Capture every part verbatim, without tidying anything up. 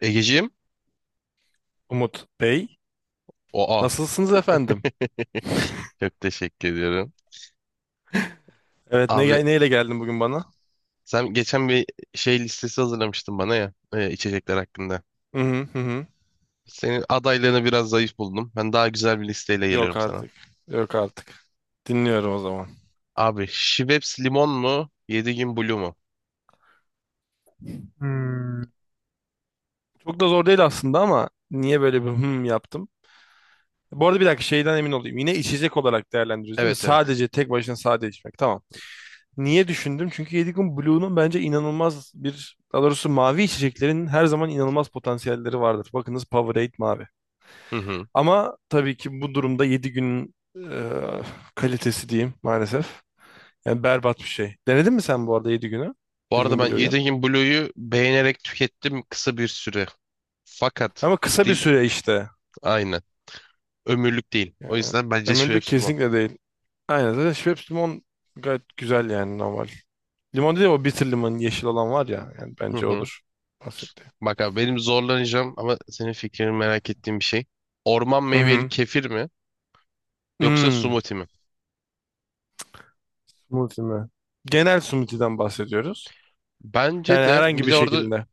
Egeciğim. Umut Bey. Oha. Nasılsınız efendim? Çok teşekkür ediyorum. Evet ne Abi gel- neyle geldin bugün bana? sen geçen bir şey listesi hazırlamıştın bana ya e, içecekler hakkında. Hı hı hı. Hı. Senin adaylarını biraz zayıf buldum. Ben daha güzel bir listeyle Yok geliyorum sana. artık. Yok artık. Dinliyorum o zaman. Abi Schweppes limon mu? Yediğin Blue mu? Hmm. Çok da zor değil aslında ama niye böyle bir hım yaptım? Bu arada bir dakika şeyden emin olayım. Yine içecek olarak değerlendiriyoruz değil mi? Evet, evet. Sadece tek başına sade içmek. Tamam. Niye düşündüm? Çünkü Yedigun Blue'nun bence inanılmaz bir... Daha doğrusu mavi içeceklerin her zaman inanılmaz potansiyelleri vardır. Bakınız Powerade mavi. Hı hı. Ama tabii ki bu durumda yedi günün e, kalitesi diyeyim maalesef. Yani berbat bir şey. Denedin mi sen bu arada yedi günü? Bu yedi arada gün ben bloğu. Yediğin Blue'yu beğenerek tükettim kısa bir süre. Fakat Ama kısa bir dil süre işte. aynı. Ömürlük değil. O Yani yüzden bence ömürlük Schweppes limon. kesinlikle değil. Aynen zaten Schweppes limon gayet güzel yani normal. Limon değil, o bitter limon, yeşil olan var ya. Yani Hı bence hı. odur bahsettiğim. Bak abi benim zorlanacağım ama senin fikrini merak ettiğim bir şey. Orman Hı meyveli hı. kefir mi? Yoksa Hmm, smoothie mi? Smoothie mi? Genel smoothie'den bahsediyoruz. Bence Yani de herhangi bir bir de orada şekilde.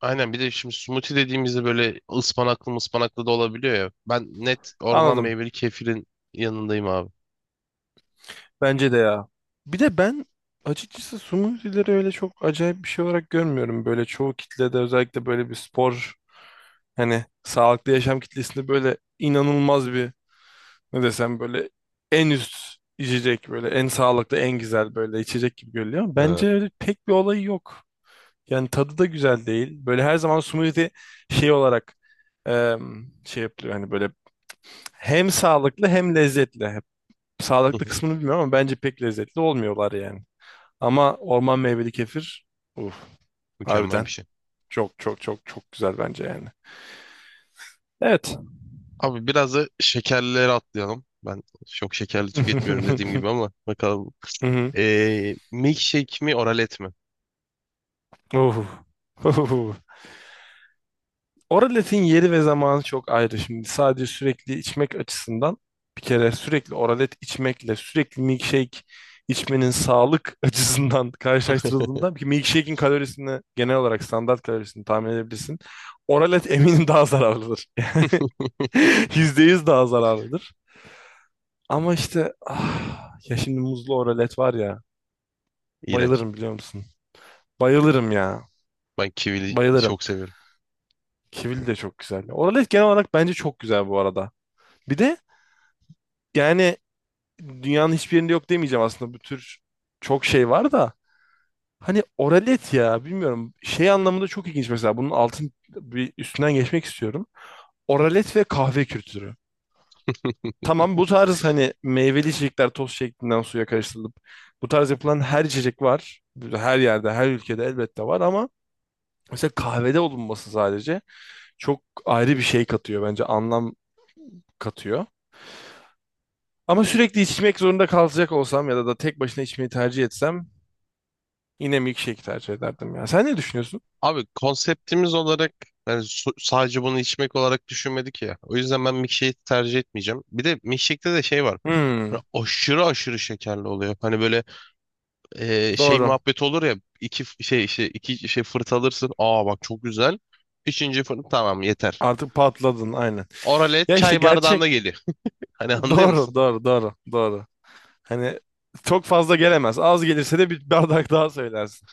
aynen, bir de şimdi smoothie dediğimizde böyle ıspanaklı ıspanaklı da olabiliyor ya. Ben net orman Anladım. meyveli kefirin yanındayım abi. Bence de ya. Bir de ben açıkçası smoothie'leri öyle çok acayip bir şey olarak görmüyorum. Böyle çoğu kitlede, özellikle böyle bir spor, hani sağlıklı yaşam kitlesinde, böyle inanılmaz bir, ne desem, böyle en üst içecek, böyle en sağlıklı en güzel böyle içecek gibi görülüyor. Ama Ee, hı bence öyle pek bir olayı yok. Yani tadı da güzel değil. Böyle her zaman smoothie şey olarak, em, şey yapılıyor, hani böyle hem sağlıklı hem lezzetli. Sağlıklı hı, kısmını bilmiyorum ama bence pek lezzetli olmuyorlar yani. Ama orman meyveli kefir, uf, Mükemmel harbiden bir şey. çok çok çok çok güzel bence yani. Evet. Abi biraz da şekerlilere atlayalım. Ben çok şekerli tüketmiyorum dediğim gibi ama bakalım. Hı hı. Ee, milkshake mi, oralet mi? Uhu. Uhu. Oraletin yeri ve zamanı çok ayrı. Şimdi sadece sürekli içmek açısından, bir kere sürekli oralet içmekle sürekli milkshake içmenin sağlık açısından karşılaştırıldığında, bir milkshake'in kalorisini, genel olarak standart kalorisini tahmin edebilirsin. Oralet eminim daha zararlıdır. yüzde yüz daha zararlıdır. Ama işte ah, ya şimdi muzlu oralet var ya. İğrenç. Bayılırım, biliyor musun? Bayılırım ya. Ben kivili Bayılırım. çok seviyorum. Kivili de çok güzel. Oralet genel olarak bence çok güzel bu arada. Bir de yani dünyanın hiçbir yerinde yok demeyeceğim aslında. Bu tür çok şey var da. Hani oralet, ya bilmiyorum. Şey anlamında çok ilginç mesela. Bunun altın bir üstünden geçmek istiyorum. Oralet ve kahve kültürü. Tamam, bu tarz hani meyveli içecekler toz şeklinden suya karıştırılıp, bu tarz yapılan her içecek var. Her yerde, her ülkede elbette var ama mesela kahvede olunması sadece çok ayrı bir şey katıyor, bence anlam katıyor. Ama sürekli içmek zorunda kalacak olsam ya da da tek başına içmeyi tercih etsem, yine milkshake tercih ederdim ya. Sen ne düşünüyorsun? Abi konseptimiz olarak yani su- sadece bunu içmek olarak düşünmedik ya. O yüzden ben milkshake'i tercih etmeyeceğim. Bir de milkshake'te de şey var. Hani Hmm, aşırı aşırı şekerli oluyor. Hani böyle e, şey doğru. muhabbet olur ya. İki f- şey işte iki şey fırt alırsın. Aa bak çok güzel. Üçüncü fırt tamam, yeter. Artık patladın, aynen. Oralet Ya işte çay gerçek. bardağında geliyor. Hani anlıyor musun? Doğru doğru doğru doğru. Hani çok fazla gelemez. Az gelirse de bir bardak daha söylersin.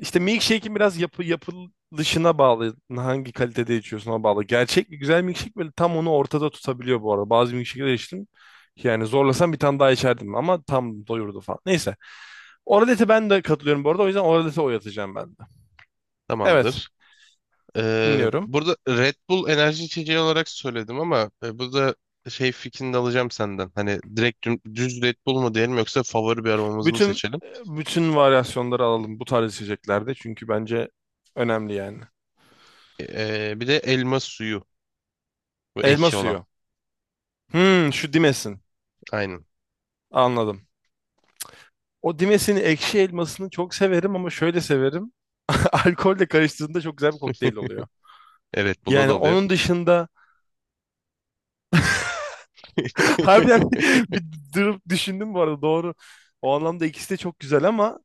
İşte milkshake'in biraz yapı yapılışına bağlı. Hangi kalitede içiyorsun, ona bağlı. Gerçek bir güzel milkshake böyle tam onu ortada tutabiliyor bu arada. Bazı milkshake'ler içtim. Yani zorlasam bir tane daha içerdim ama tam doyurdu falan. Neyse. Oralete ben de katılıyorum bu arada. O yüzden oralete oy atacağım ben de. Evet. Tamamdır. Ee, Dinliyorum. Burada Red Bull enerji içeceği olarak söyledim ama e, burada şey fikrini de alacağım senden. Hani direkt düm- düz Red Bull mu diyelim, yoksa favori bir aromamızı mı Bütün seçelim? bütün varyasyonları alalım bu tarz içeceklerde. Çünkü bence önemli yani. Ee, bir de elma suyu. Bu Elma ekşi olan. suyu. Hmm, şu dimesin. Aynen. Anladım. O Dimes'in ekşi elmasını çok severim ama şöyle severim. Alkolle karıştığında çok güzel bir kokteyl oluyor. E, Red Bull'da da Yani oluyor. onun dışında harbiden bir bir durup düşündüm bu arada, doğru. O anlamda ikisi de çok güzel ama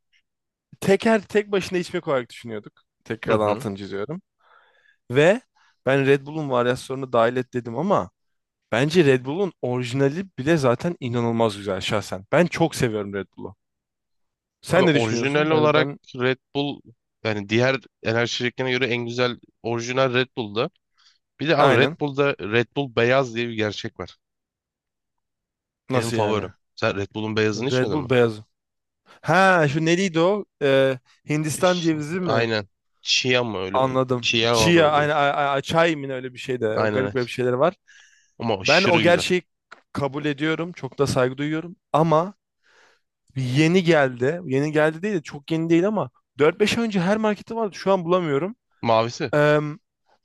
teker tek başına içmek olarak düşünüyorduk. Hı Tekrardan hı. altını çiziyorum. Ve ben Red Bull'un varyasyonunu dahil et dedim ama bence Red Bull'un orijinali bile zaten inanılmaz güzel şahsen. Ben çok seviyorum Red Bull'u. Abi Sen ne düşünüyorsun? orijinal Yani olarak ben, Red Bull, yani diğer enerji içeceklerine göre en güzel orijinal Red Bull'da. Bir de abi Red aynen. Bull'da Red Bull beyaz diye bir gerçek var. Benim Nasıl yani? favorim. Sen Red Bull'un beyazını Red içmedin mi? Bull beyaz. Ha, şu neydi o? Ee, Hindistan Ş- cevizi mi? Aynen. Chia mı öyle? Anladım. Chia mı Chia öyle? aynı, a- a- çay mı ne öyle bir şey de, o Aynen, garip aynen. garip şeyler var. Ama Ben o aşırı güzel. gerçeği kabul ediyorum. Çok da saygı duyuyorum. Ama yeni geldi. Yeni geldi değil de, çok yeni değil ama dört beş ay önce her markette vardı. Şu an bulamıyorum. Mavisi. Ee,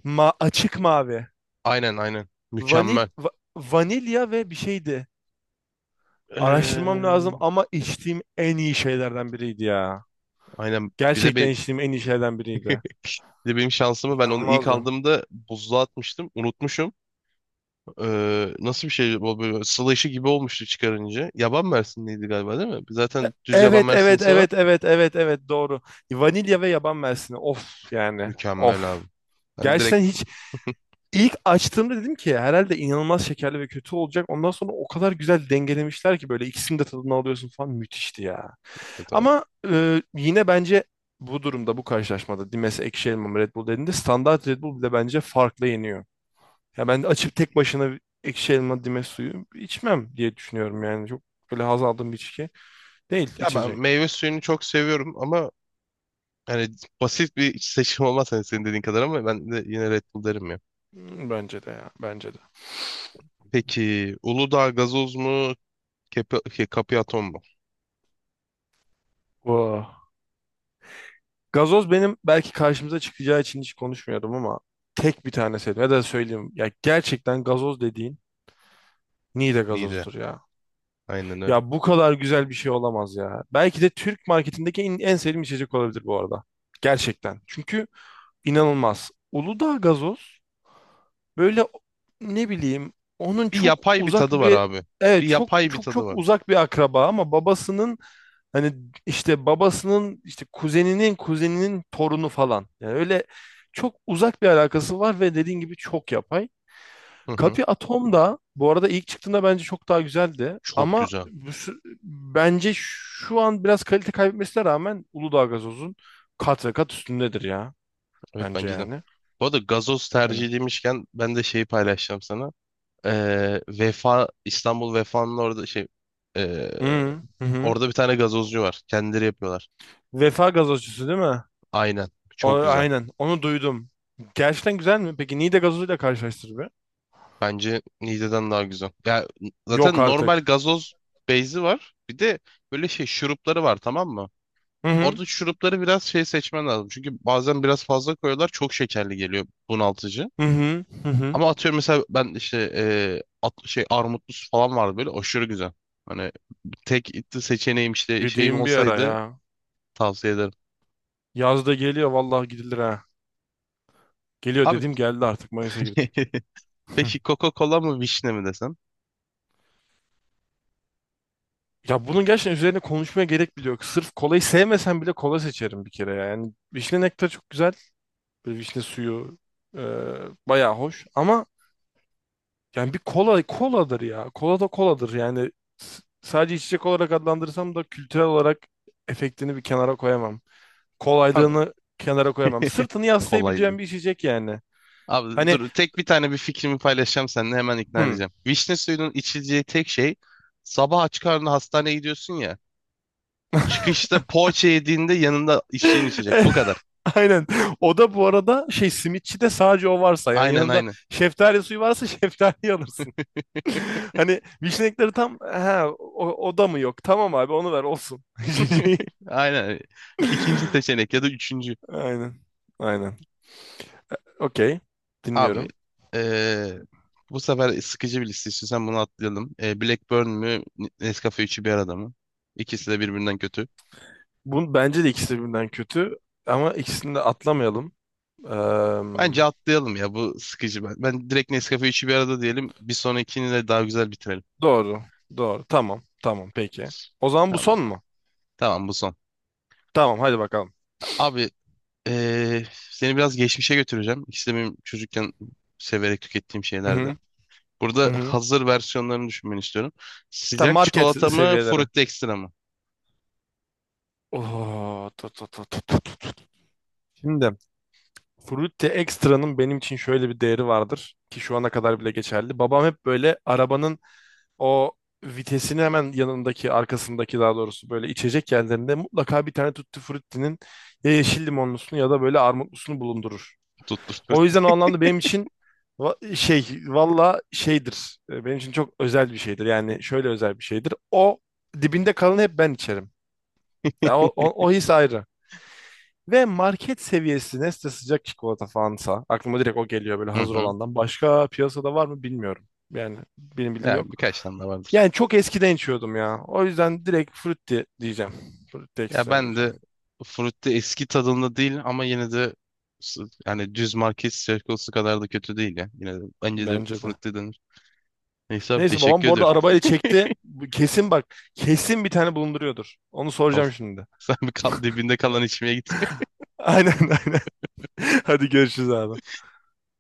ma açık mavi. Aynen, aynen. Vanil Mükemmel. Va- vanilya ve bir şeydi. Araştırmam lazım Ee, ama içtiğim en iyi şeylerden biriydi ya. aynen. Bir de Gerçekten benim, içtiğim en iyi şeylerden biriydi. bir de benim şansımı, ben onu ilk İnanılmazdı. aldığımda buzluğa atmıştım. Unutmuşum. Ee, nasıl bir şey bu, böyle sıla işi gibi olmuştu çıkarınca. Yaban mersinliydi galiba değil mi? Zaten düz yaban Evet evet mersinlisi var. evet evet evet evet, doğru. Vanilya ve yaban mersini. Of yani. Mükemmel Of. abi. Ben Gerçekten direkt hiç, ilk açtığımda dedim ki herhalde inanılmaz şekerli ve kötü olacak. Ondan sonra o kadar güzel dengelemişler ki, böyle ikisini de tadını alıyorsun falan, müthişti ya. e, tamam. Ama e, yine bence bu durumda, bu karşılaşmada, Dimes ekşi elma Red Bull dediğinde, standart Red Bull bile bence farklı yeniyor. Ya ben açıp tek başına ekşi elma Dimes suyu içmem diye düşünüyorum yani. Çok böyle haz aldığım bir içki değil, Ya ben içecek. meyve suyunu çok seviyorum ama yani basit bir seçim olmaz hani, senin dediğin kadar, ama ben de yine Red Bull derim ya. Hmm, bence de ya. Bence de. Peki Uludağ gazoz mu? Kepi, şey, Kapiaton mu? Vah. Gazoz benim, belki karşımıza çıkacağı için hiç konuşmuyordum ama tek bir tane sevdim. Ya da söyleyeyim. Ya gerçekten gazoz dediğin Niğde Nide. gazozdur ya. Aynen öyle. Ya bu kadar güzel bir şey olamaz ya. Belki de Türk marketindeki en, en sevdiğim içecek olabilir bu arada. Gerçekten. Çünkü inanılmaz. Uludağ gazoz böyle, ne bileyim, onun Bir çok yapay bir tadı uzak var bir, abi. Bir evet, çok yapay bir çok tadı çok var. uzak bir akraba, ama babasının. Hani işte babasının, işte kuzeninin kuzeninin torunu falan. Yani öyle çok uzak bir alakası var ve dediğin gibi çok yapay. Hı hı. Kapi Atom da bu arada ilk çıktığında bence çok daha güzeldi. Çok Ama güzel. bu sü- bence şu an biraz kalite kaybetmesine rağmen Uludağ Gazoz'un kat ve kat üstündedir ya. Evet, Bence bence de. yani. Bu arada gazoz Yani. tercihi demişken ben de şeyi paylaşacağım sana. Ee, Vefa, İstanbul Vefa'nın orada şey, ee, Hı hı. Hı. orada bir tane gazozcu var. Kendileri yapıyorlar. Vefa gazozcusu değil mi? Aynen. O, Çok güzel. aynen. Onu duydum. Gerçekten güzel mi? Peki Niğde gazozuyla karşılaştır be. Bence Nide'den daha güzel. Ya Yok zaten normal artık. gazoz beyzi var. Bir de böyle şey şurupları var, tamam mı? Hı hı. Orada şurupları biraz şey seçmen lazım. Çünkü bazen biraz fazla koyuyorlar. Çok şekerli geliyor, bunaltıcı. Hı hı hı hı. Ama atıyorum mesela ben işte e, at, şey armutlu su falan vardı, böyle aşırı güzel. Hani tek itti seçeneğim işte şeyim Gideyim bir ara olsaydı, ya. tavsiye ederim. Yaz da geliyor vallahi, gidilir ha. Geliyor Abi dedim, geldi artık, Mayıs'a girdik. peki Coca-Cola mı, vişne mi desem? Ya bunun gerçekten üzerine konuşmaya gerek bile yok. Sırf kolayı sevmesem bile kola seçerim bir kere ya. Yani vişne nektarı çok güzel. Böyle vişne suyu, e, bayağı hoş. Ama yani bir kola koladır ya. Kola da koladır yani. S- sadece içecek olarak adlandırsam da, kültürel olarak efektini bir kenara koyamam. Abi Kolaylığını kenara koyamam. Sırtını kolaydı. yaslayabileceğim bir içecek yani. Abi Hani, dur, tek bir tane bir fikrimi paylaşacağım seninle, hemen ikna hmm. edeceğim. Vişne suyunun içileceği tek şey, sabah aç karnına hastaneye gidiyorsun ya. Çıkışta poğaça yediğinde yanında içtiğin içecek. Bu kadar. Aynen. O da bu arada, şey, simitçi de sadece o varsa yani, Aynen, yanında aynen. şeftali suyu varsa, şeftali alırsın. Hani vişnekleri tam, ha, o, o da mı yok? Tamam abi, onu ver olsun. Aynen. İkinci seçenek ya da üçüncü. Aynen. Aynen. Okey. Abi Dinliyorum. eee, bu sefer sıkıcı bir liste istiyorsan bunu atlayalım. Eee, Blackburn mü, Nescafe üçü bir arada mı? İkisi de birbirinden kötü. Bu bence de ikisi birbirinden kötü ama ikisini de atlamayalım. Eee, Bence atlayalım ya, bu sıkıcı. Ben, ben direkt Nescafe üçü bir arada diyelim. Bir sonrakini de daha güzel bitirelim. doğru. Doğru. Tamam. Tamam. Peki. O zaman bu Tamam. son mu? Tamam, bu son. Tamam. Hadi bakalım. Abi eee, seni biraz geçmişe götüreceğim. İkisi de benim çocukken severek tükettiğim Hı şeylerdi. hı. Hı Burada hı. hazır versiyonlarını düşünmeni istiyorum. Tam Sıcak market çikolata mı, seviyeleri. Fruity Extra mı? Oo, tut, tut, tut, tut. Şimdi Fruity Extra'nın benim için şöyle bir değeri vardır ki şu ana kadar bile geçerli. Babam hep böyle arabanın o vitesini hemen yanındaki, arkasındaki daha doğrusu, böyle içecek yerlerinde mutlaka bir tane Tutti Frutti'nin ya yeşil limonlusunu ya da böyle armutlusunu bulundurur. Tuttu O yüzden Fruity. o anlamda benim için, va- şey, valla şeydir. E, Benim için çok özel bir şeydir. Yani şöyle özel bir şeydir. O dibinde kalanı hep ben içerim. Ya o, o, o his ayrı. Ve market seviyesi Nestle sıcak çikolata falansa aklıma direkt o geliyor böyle, Hı hazır hı. olandan. Başka piyasada var mı bilmiyorum. Yani benim bildiğim Ya yok. birkaç tane daha vardır. Yani çok eskiden içiyordum ya. O yüzden direkt Frutti diyeceğim. Frutti Ya Extra ben de diyeceğim. Fruity eski tadında değil, ama yine de s- yani düz market çikolatası kadar da kötü değil ya. Yine de bence de Bence de. Fruity denir. Neyse abi, Neyse, babam teşekkür bu arada ediyorum. arabayla çekti. Bu kesin bak. Kesin bir tane bulunduruyordur. Onu Abi, soracağım şimdi. sen bir kal, dibinde kalan içmeye git. Aynen aynen. Hadi görüşürüz abi.